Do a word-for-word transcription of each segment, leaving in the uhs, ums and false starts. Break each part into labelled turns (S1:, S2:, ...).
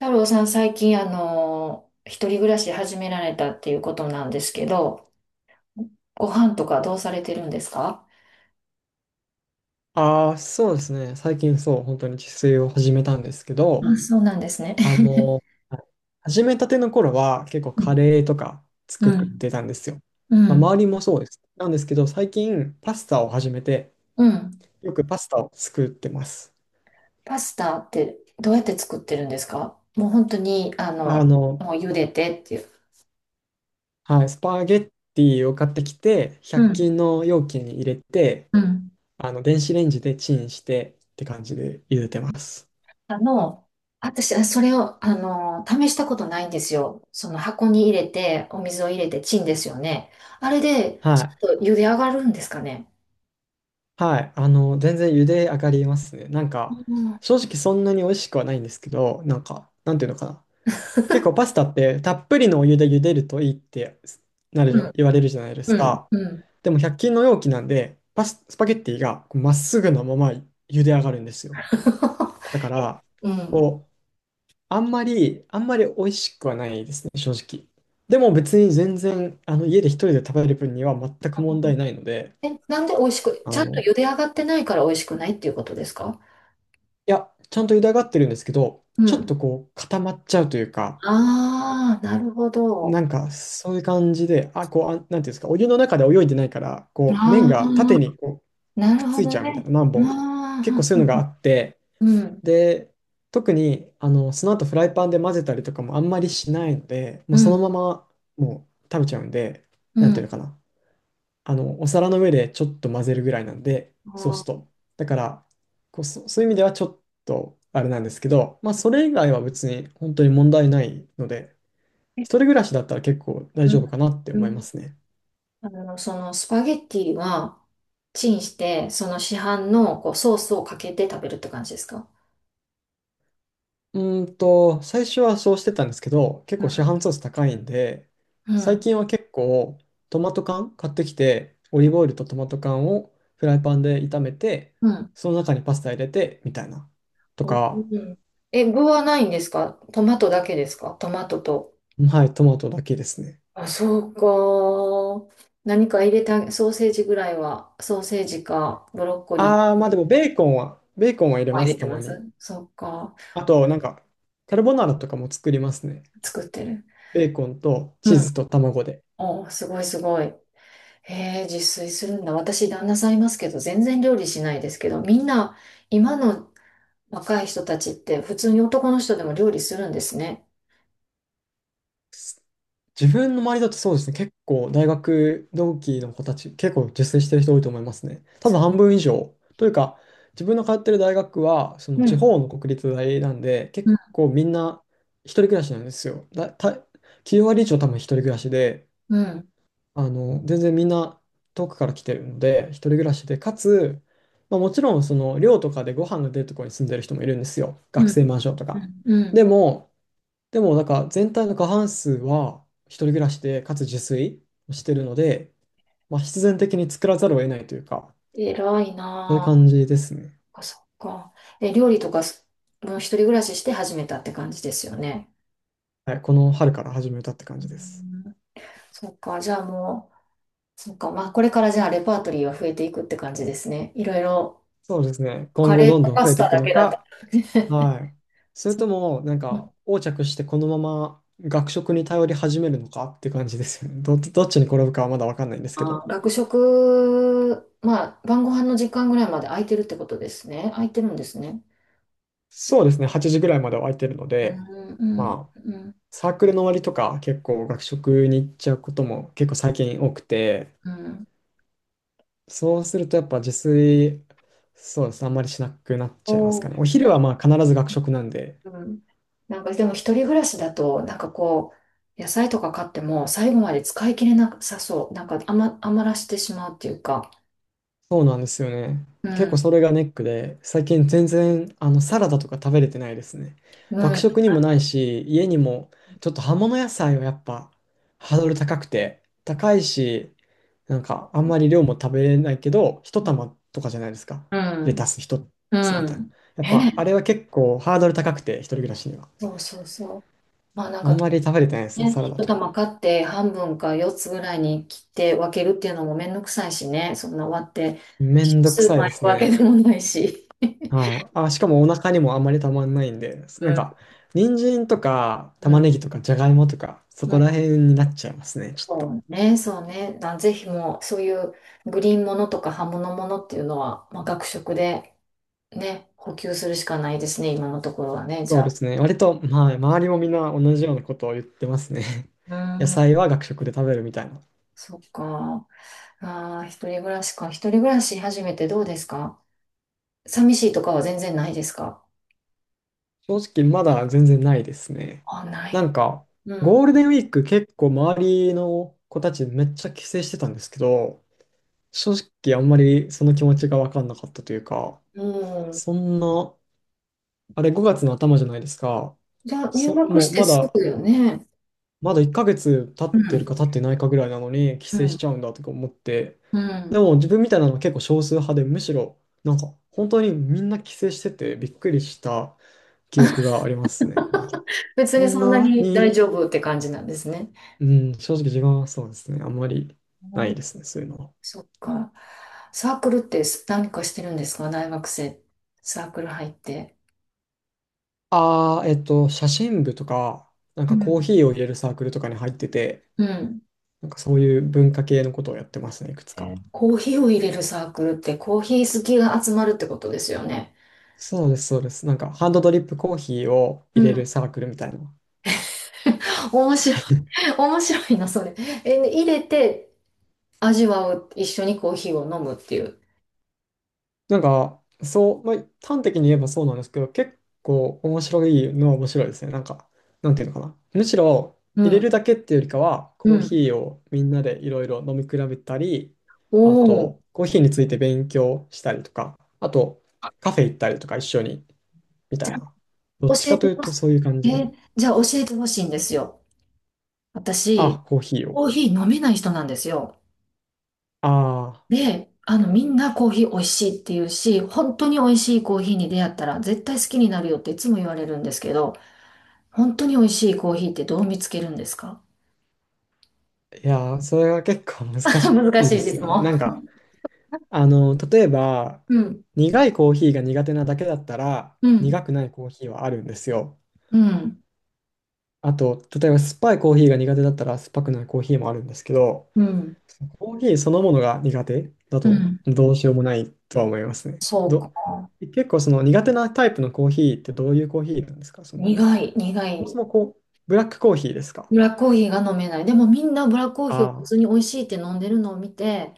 S1: 太郎さん、最近、あの、一人暮らし始められたっていうことなんですけど、ご飯とかどうされてるんですか？
S2: ああ、そうですね。最近そう、本当に自炊を始めたんですけ
S1: あ、
S2: ど、
S1: そうなんですね。
S2: あの、はい始めたての頃は結構
S1: う
S2: カ
S1: ん、
S2: レーとか作ってたんですよ。
S1: う
S2: まあ、
S1: ん、
S2: 周りもそうです。なんですけど、最近パスタを始めて、
S1: うん。
S2: よくパスタを作ってます。
S1: パスタってどうやって作ってるんですか？もう本当に、あ
S2: あ
S1: の、
S2: の、
S1: もう茹でてっていう。
S2: はい、スパゲッティを買ってきて、
S1: う
S2: ひゃっ均
S1: ん、
S2: の容器に入れて、
S1: うん。
S2: あの、電子レンジでチンしてって感じで茹でてます。
S1: あの、私、それを、あの、試したことないんですよ。その箱に入れて、お水を入れてチンですよね。あれで、
S2: は
S1: ち
S2: い。
S1: ょっと茹で上がるんですかね。
S2: はい、あの、全然茹で上がりますね。なんか、
S1: うん。
S2: 正直そんなに美味しくはないんですけど、なんか、なんていうのかな。結構パスタってたっぷりのお湯で茹でるといいってなる
S1: う
S2: じゃ、
S1: ん
S2: 言われるじゃないで
S1: う
S2: す
S1: ん、
S2: か。
S1: うん。
S2: でもひゃっ均の容器なんで、パス、スパゲッティがこうまっすぐのまま茹で上がるんですよ。だから、
S1: うん。
S2: こう、あんまり、あんまり美味しくはないですね、正直。でも別に全然、あの、家で一人で食べる分には全く問題ないので、
S1: え、なんで美味しく、ち
S2: あ
S1: ゃんと
S2: の、
S1: 茹で上がってないから美味しくないっていうことですか？
S2: いや、ちゃんと茹で上がってるんですけど、
S1: う
S2: ちょっ
S1: ん。
S2: とこう固まっちゃうというか、
S1: ああ、なるほ
S2: な
S1: ど。
S2: んかそういう感じで、あ、こう、あ、なんていうんですか、お湯の中で泳いでないから、こう、麺
S1: あ
S2: が縦に
S1: あ、
S2: こ
S1: な
S2: うくっ
S1: る
S2: つ
S1: ほ
S2: いち
S1: ど
S2: ゃうみたいな、
S1: ね。
S2: 何本か。
S1: あ
S2: 結
S1: あ、
S2: 構そういうのがあって、
S1: うん、
S2: で、特に、あの、その後フライパンで混ぜたりとかもあんまりしないので、もう
S1: う
S2: その
S1: ん、
S2: ままもう食べちゃうんで、
S1: う
S2: なんていう
S1: ん。
S2: のかな、あの、お皿の上でちょっと混ぜるぐらいなんで、ソース
S1: ああ、
S2: と。だから、こう、そ、そういう意味ではちょっとあれなんですけど、まあ、それ以外は別に本当に問題ないので、一
S1: え
S2: 人暮らしだったら結構大
S1: うん
S2: 丈夫かなって
S1: う
S2: 思いま
S1: ん。
S2: すね。
S1: あの、そのスパゲッティは、チンして、その市販のこうソースをかけて食べるって感じですか？
S2: うーんと、最初はそうしてたんですけど、結
S1: う
S2: 構市
S1: ん、
S2: 販ソース高いんで、
S1: う
S2: 最
S1: ん、
S2: 近は結構トマト缶買ってきて、オリーブオイルとトマト缶をフライパンで炒めて、
S1: うん。
S2: その中にパスタ入れて、みたいな。と
S1: う
S2: か、
S1: ん、え、具はないんですか？トマトだけですか？トマトと。
S2: はい、トマトだけですね。
S1: あ、そうか。何か入れたソーセージぐらいは、ソーセージかブロッコリ
S2: あ
S1: ー
S2: あ、まあでもベーコンは、ベーコンは入れ
S1: は
S2: ま
S1: 入
S2: す、
S1: れ
S2: た
S1: て
S2: ま
S1: ます？
S2: に。
S1: そうか。
S2: あと、なんか、カルボナーラとかも作りますね。
S1: 作ってる。
S2: ベーコンと
S1: う
S2: チー
S1: ん。
S2: ズと卵で。
S1: お、すごいすごい。へえ、自炊するんだ。私、旦那さんいますけど、全然料理しないですけど、みんな、今の若い人たちって、普通に男の人でも料理するんですね。
S2: 自分の周りだとそうですね、結構大学同期の子たち、結構自炊してる人多いと思いますね。多分
S1: そ
S2: 半分以上。というか、自分の通ってる大学は、そ
S1: う
S2: の
S1: う
S2: 地
S1: ん。
S2: 方の国立大なんで、
S1: う
S2: 結
S1: ん。
S2: 構みんな一人暮らしなんですよ。だ、た、きゅう割以上多分一人暮らしで、
S1: うん。
S2: あの、全然みんな遠くから来てるので、一人暮らしで、かつ、まあ、もちろんその寮とかでご飯が出るところに住んでる人もいるんですよ。
S1: う
S2: 学生
S1: ん。
S2: マンションと
S1: う
S2: か。
S1: ん。う
S2: で
S1: ん
S2: も、でもなんか全体の過半数は一人暮らしで、かつ自炊をしてるので、まあ、必然的に作らざるを得ないというか、
S1: 偉い
S2: そういう
S1: なあ
S2: 感じですね。
S1: か、そっか。え、料理とかす、もう一人暮らしして始めたって感じですよね。
S2: はい、この春から始めたって感
S1: う
S2: じです。
S1: んそっか、じゃあもう、そっか、まあこれからじゃあレパートリーは増えていくって感じですね。いろいろ、
S2: そうですね。今
S1: カ
S2: 後
S1: レーと
S2: どんどん
S1: パ
S2: 増
S1: ス
S2: えてい
S1: タ
S2: く
S1: だ
S2: の
S1: けだった。
S2: か、はい。それ
S1: そっ
S2: と
S1: か
S2: も、なんか、横着してこのまま学食に頼り始めるのかって感じですよね。ど、どっちに転ぶかはまだわかんないんですけ
S1: あ
S2: ど。
S1: 学食、まあ晩ご飯の時間ぐらいまで空いてるってことですね。空いてるんですね。
S2: そうですね、はちじぐらいまでは空いてるの
S1: う
S2: で、
S1: ん、うん、
S2: まあ、
S1: うん、
S2: サークルの終わりとか結構学食に行っちゃうことも結構最近多くて、
S1: うん。
S2: そうするとやっぱ自炊、そうですね、あんまりしなくなっ
S1: お
S2: ちゃいますか
S1: ー
S2: ね。お昼はまあ必ず学食なんで、
S1: うん。なんかでも一人暮らしだと、なんかこう、野菜とか買っても最後まで使い切れなさそう。なんか余、余らしてしまうっていうか。
S2: そうなんですよね。
S1: う
S2: 結構
S1: ん。
S2: それがネックで、最近全然あのサラダとか食べれてないですね。
S1: う
S2: 学
S1: ん。
S2: 食にもないし、家にもちょっと葉物野菜はやっぱハードル高くて、高いし、なんかあんまり量も食べれないけど、一玉とかじゃないですか。
S1: う
S2: レ
S1: ん。
S2: タス一
S1: う
S2: つみたいな。
S1: ん。
S2: やっ
S1: ね
S2: ぱあ
S1: え。
S2: れは結構ハードル高くて、一人暮らしには。
S1: そうそうそう。まあなん
S2: あん
S1: か
S2: まり食べれてないですね、
S1: ね、
S2: サラダ
S1: 一
S2: とか。
S1: 玉買って半分か四つぐらいに切って分けるっていうのもめんどくさいしね。そんな割って、
S2: め
S1: 一
S2: んどく
S1: 緒にスー
S2: さ
S1: パ
S2: い
S1: ー
S2: で
S1: 行
S2: す
S1: くわけで
S2: ね。
S1: もないし。
S2: はい。あ、しかもお腹にもあんまりたまんないんで、
S1: う
S2: なん
S1: ん。
S2: か、人参とか
S1: う
S2: 玉
S1: ん。
S2: ねぎとかじゃがいもとか、そこら辺になっちゃいますね、ちょっ
S1: そ
S2: と。
S1: うね、そうね。だぜひもう、そういうグリーンものとか葉物ものっていうのは、まあ、学食でね、補給するしかないですね、今のところはね、じ
S2: そう
S1: ゃ
S2: で
S1: あ。
S2: すね。割と、はい、周りもみんな同じようなことを言ってますね。
S1: う
S2: 野
S1: ん、
S2: 菜は学食で食べるみたいな。
S1: そっか。ああ、一人暮らしか。一人暮らし始めてどうですか？寂しいとかは全然ないですか？
S2: 正直、まだ全然ないですね。
S1: あ、な
S2: なん
S1: い。
S2: か、
S1: う
S2: ゴ
S1: ん。
S2: ールデンウィーク結構周りの子たちめっちゃ帰省してたんですけど、正直あんまりその気持ちがわかんなかったというか、
S1: うん。
S2: そんなあれごがつの頭じゃないですか。
S1: じゃあ、入
S2: そ、
S1: 学
S2: も
S1: し
S2: う
S1: て
S2: ま
S1: す
S2: だ、
S1: ぐよね。
S2: まだいっかげつ経
S1: う
S2: ってる
S1: ん。
S2: か経ってないかぐらいなのに帰
S1: う
S2: 省し
S1: ん。
S2: ちゃうんだとか思って。
S1: う
S2: で
S1: ん。
S2: も自分みたいなのは結構少数派で、むしろなんか本当にみんな帰省しててびっくりした記憶がありますね。なんか、
S1: 別
S2: こ
S1: に
S2: ん
S1: そんな
S2: な
S1: に大
S2: に、
S1: 丈夫って感じなんですね。
S2: うん、正直自分はそうですね。あんまりな
S1: う
S2: い
S1: ん
S2: ですね、そういうのは。
S1: そっか。サークルってす何かしてるんですか？大学生。サークル入って。
S2: ああ、えっと、写真部とか、なん
S1: う
S2: かコー
S1: ん。
S2: ヒーを入れるサークルとかに入ってて、
S1: うん。
S2: なんかそういう文化系のことをやってますね、いくつか。
S1: コーヒーを入れるサークルってコーヒー好きが集まるってことですよね。
S2: そうです、そうです。なんか、ハンドドリップコーヒーを
S1: う
S2: 入れ
S1: ん。
S2: るサークルみたいな。
S1: 面白い。面白いな、それ。え、入れて味わう。一緒にコーヒーを飲むっていう。
S2: なんか、そう、まあ、端的に言えばそうなんですけど、結構面白いのは面白いですね。なんか、なんていうのかな。むしろ、
S1: う
S2: 入れ
S1: ん。
S2: るだけっていうよりかは、
S1: う
S2: コー
S1: ん。
S2: ヒーをみんなでいろいろ飲み比べたり、
S1: お
S2: あ
S1: お。
S2: と、コーヒーについて勉強したりとか、あと、カフェ行ったりとか一緒に、みたいな。ど
S1: 教
S2: っちか
S1: え
S2: と
S1: て
S2: いう
S1: ほ
S2: と
S1: し
S2: そういう感
S1: い。
S2: じで、
S1: え、じゃあ教えてほしいんですよ。私、
S2: あ、コーヒーを。
S1: コーヒー飲めない人なんですよ。
S2: あ
S1: で、あの、みんなコーヒー美味しいって言うし、本当に美味しいコーヒーに出会ったら絶対好きになるよっていつも言われるんですけど、本当に美味しいコーヒーってどう見つけるんですか？
S2: あ、いやー、それが結構難し
S1: 難
S2: い
S1: し
S2: で
S1: い
S2: すよ
S1: 質
S2: ね。
S1: 問。
S2: なんか、あの、例えば、
S1: うん、
S2: 苦いコーヒーが苦手なだけだったら、
S1: う
S2: 苦
S1: ん、
S2: くないコーヒーはあるんですよ。
S1: うん、
S2: あと、例えば酸っぱいコーヒーが苦手だったら、酸っぱくないコーヒーもあるんですけど、
S1: うん、
S2: コーヒーそのものが苦手だ
S1: う
S2: と、
S1: ん。
S2: どうしようもないとは思いますね。
S1: そうか。
S2: ど、結構その苦手なタイプのコーヒーってどういうコーヒーなんですか？その、
S1: 苦い、苦
S2: そもそ
S1: い。
S2: もこう、ブラックコーヒーですか？
S1: ブラックコーヒーが飲めない。でもみんなブラックコーヒー
S2: あ
S1: を普
S2: あ
S1: 通
S2: ー、
S1: に美味しいって飲んでるのを見て、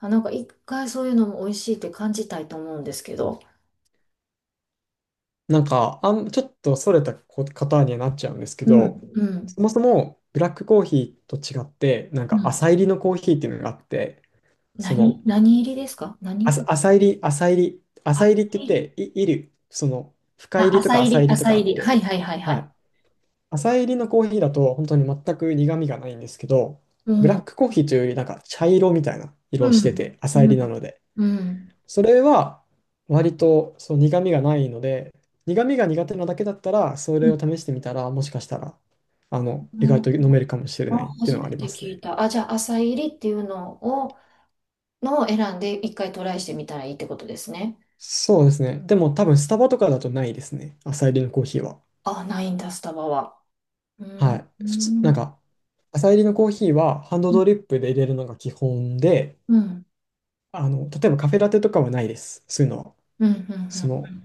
S1: あ、なんか一回そういうのも美味しいって感じたいと思うんですけど。
S2: なんか、あん、ちょっとそれたこ方にはなっちゃうんですけ
S1: うん、
S2: ど、
S1: うん、
S2: そもそもブラックコーヒーと違って、なん
S1: う
S2: か
S1: ん。
S2: 浅入りのコーヒーっていうのがあって、そ
S1: 何、
S2: の、
S1: 何入りですか？
S2: あさ
S1: 何
S2: 浅入り、浅入り、浅
S1: 浅
S2: 入りって言っ
S1: 入り、
S2: て、い、いる、その、深入
S1: あ、
S2: りと
S1: 浅
S2: か
S1: 入
S2: 浅
S1: り、
S2: 入りと
S1: 浅
S2: かあっ
S1: 入り。は
S2: て、
S1: いはいはいは
S2: は
S1: い。
S2: い。浅入りのコーヒーだと本当に全く苦味がないんですけど、
S1: う
S2: ブラッ
S1: ん。
S2: クコーヒーというよりなんか茶色みたいな色
S1: う
S2: をして
S1: ん。
S2: て、浅
S1: う
S2: 入りな
S1: ん。
S2: ので。
S1: うん。
S2: それは割とそう苦味がないので、苦味が苦手なだけだったら、そ
S1: う
S2: れを
S1: ん
S2: 試してみたら、もしかしたら、あの、意
S1: う
S2: 外
S1: ん
S2: と飲めるかもしれ
S1: あ、
S2: ないってい
S1: 初
S2: うの
S1: め
S2: はありま
S1: て
S2: す
S1: 聞
S2: ね。
S1: いた。あ、じゃあ、浅入りっていうのを、のを選んで一回トライしてみたらいいってことですね。
S2: そうですね。でも多分スタバとかだとないですね。朝入りのコーヒーは。
S1: あ、ないんだ、スタバは。う
S2: は
S1: ん。
S2: い。
S1: う
S2: 普通、なん
S1: ん。
S2: か、朝入りのコーヒーはハンド
S1: うん。
S2: ドリップで入れるのが基本で、
S1: うん。
S2: あの、例えばカフェラテとかはないです。そういうのは。
S1: う
S2: その、
S1: ん。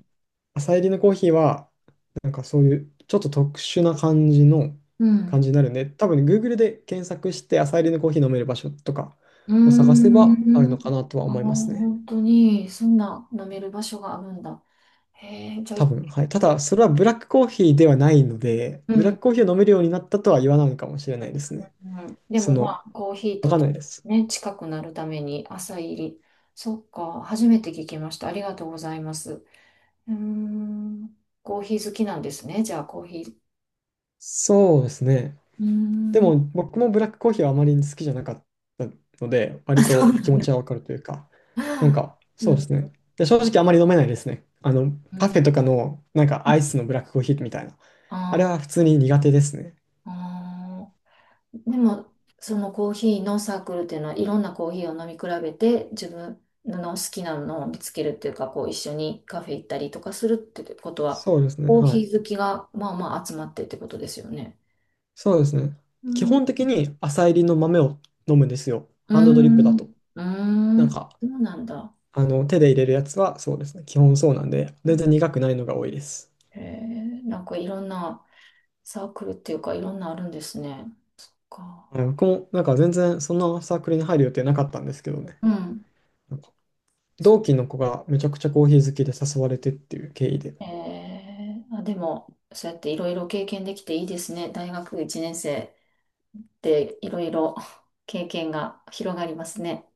S2: 朝入りのコーヒーは、なんかそういうちょっと特殊な感じの
S1: う
S2: 感
S1: ん。
S2: じになるんで、多分ね Google で検索して朝入りのコーヒー飲める場所とか
S1: う
S2: を探せ
S1: ん。
S2: ばある
S1: うん、
S2: のかなとは
S1: ああ、
S2: 思いますね。
S1: 本当に、そんな飲める場所があるんだ。へえ、じゃあ、
S2: 多
S1: い
S2: 分、はい。ただ、それはブラックコーヒーではないので、
S1: う
S2: ブラッ
S1: ん。
S2: クコーヒーを飲めるようになったとは言わないのかもしれないですね。
S1: うん、で
S2: そ
S1: もま
S2: の、
S1: あ、コーヒー
S2: わ
S1: と
S2: かんないです。
S1: ね、近くなるために朝入り。そっか、初めて聞きました。ありがとうございます。うーん、コーヒー好きなんですね。じゃあ、コーヒー。
S2: そうですね。
S1: うー
S2: で
S1: ん、
S2: も僕もブラックコーヒーはあまり好きじゃなかったので、
S1: あ
S2: 割
S1: そう
S2: と
S1: な
S2: 気
S1: ん
S2: 持
S1: だ。
S2: ちはわかるというか、なん か
S1: う
S2: そうで
S1: ん、
S2: すね。で、正直あまり飲めないですね。あの、
S1: う
S2: カフ
S1: ん。
S2: ェとかのなんかアイスのブラックコーヒーみたいな。あれ
S1: あ
S2: は普通に苦手ですね。
S1: ーあー。でも、そのコーヒーのサークルっていうのは、いろんなコーヒーを飲み比べて、自分の好きなのを見つけるっていうか、こう一緒にカフェ行ったりとかするってことは、
S2: そうですね。
S1: コー
S2: は
S1: ヒ
S2: い。
S1: ー好きがまあまあ集まってってことですよね。
S2: そうですね。
S1: う
S2: 基
S1: ん。
S2: 本的に浅入りの豆を飲むんですよ。
S1: うー
S2: ハンドドリップだ
S1: ん。
S2: と。
S1: うー
S2: なん
S1: ん。
S2: か、
S1: そうなんだ。
S2: あの、手で入れるやつはそうですね。基本そうなんで、全然苦くないのが多いです。
S1: へえ、なんかいろんなサークルっていうか、いろんなあるんですね。か。
S2: はい僕もなんか全然そんなサークルに入る予定なかったんですけどね。
S1: うん。そ
S2: 同
S1: う。
S2: 期の子がめちゃくちゃコーヒー好きで誘われてっていう経緯で
S1: えー、あ、でも、そうやっていろいろ経験できていいですね。大学いちねん生。っていろいろ経験が広がりますね。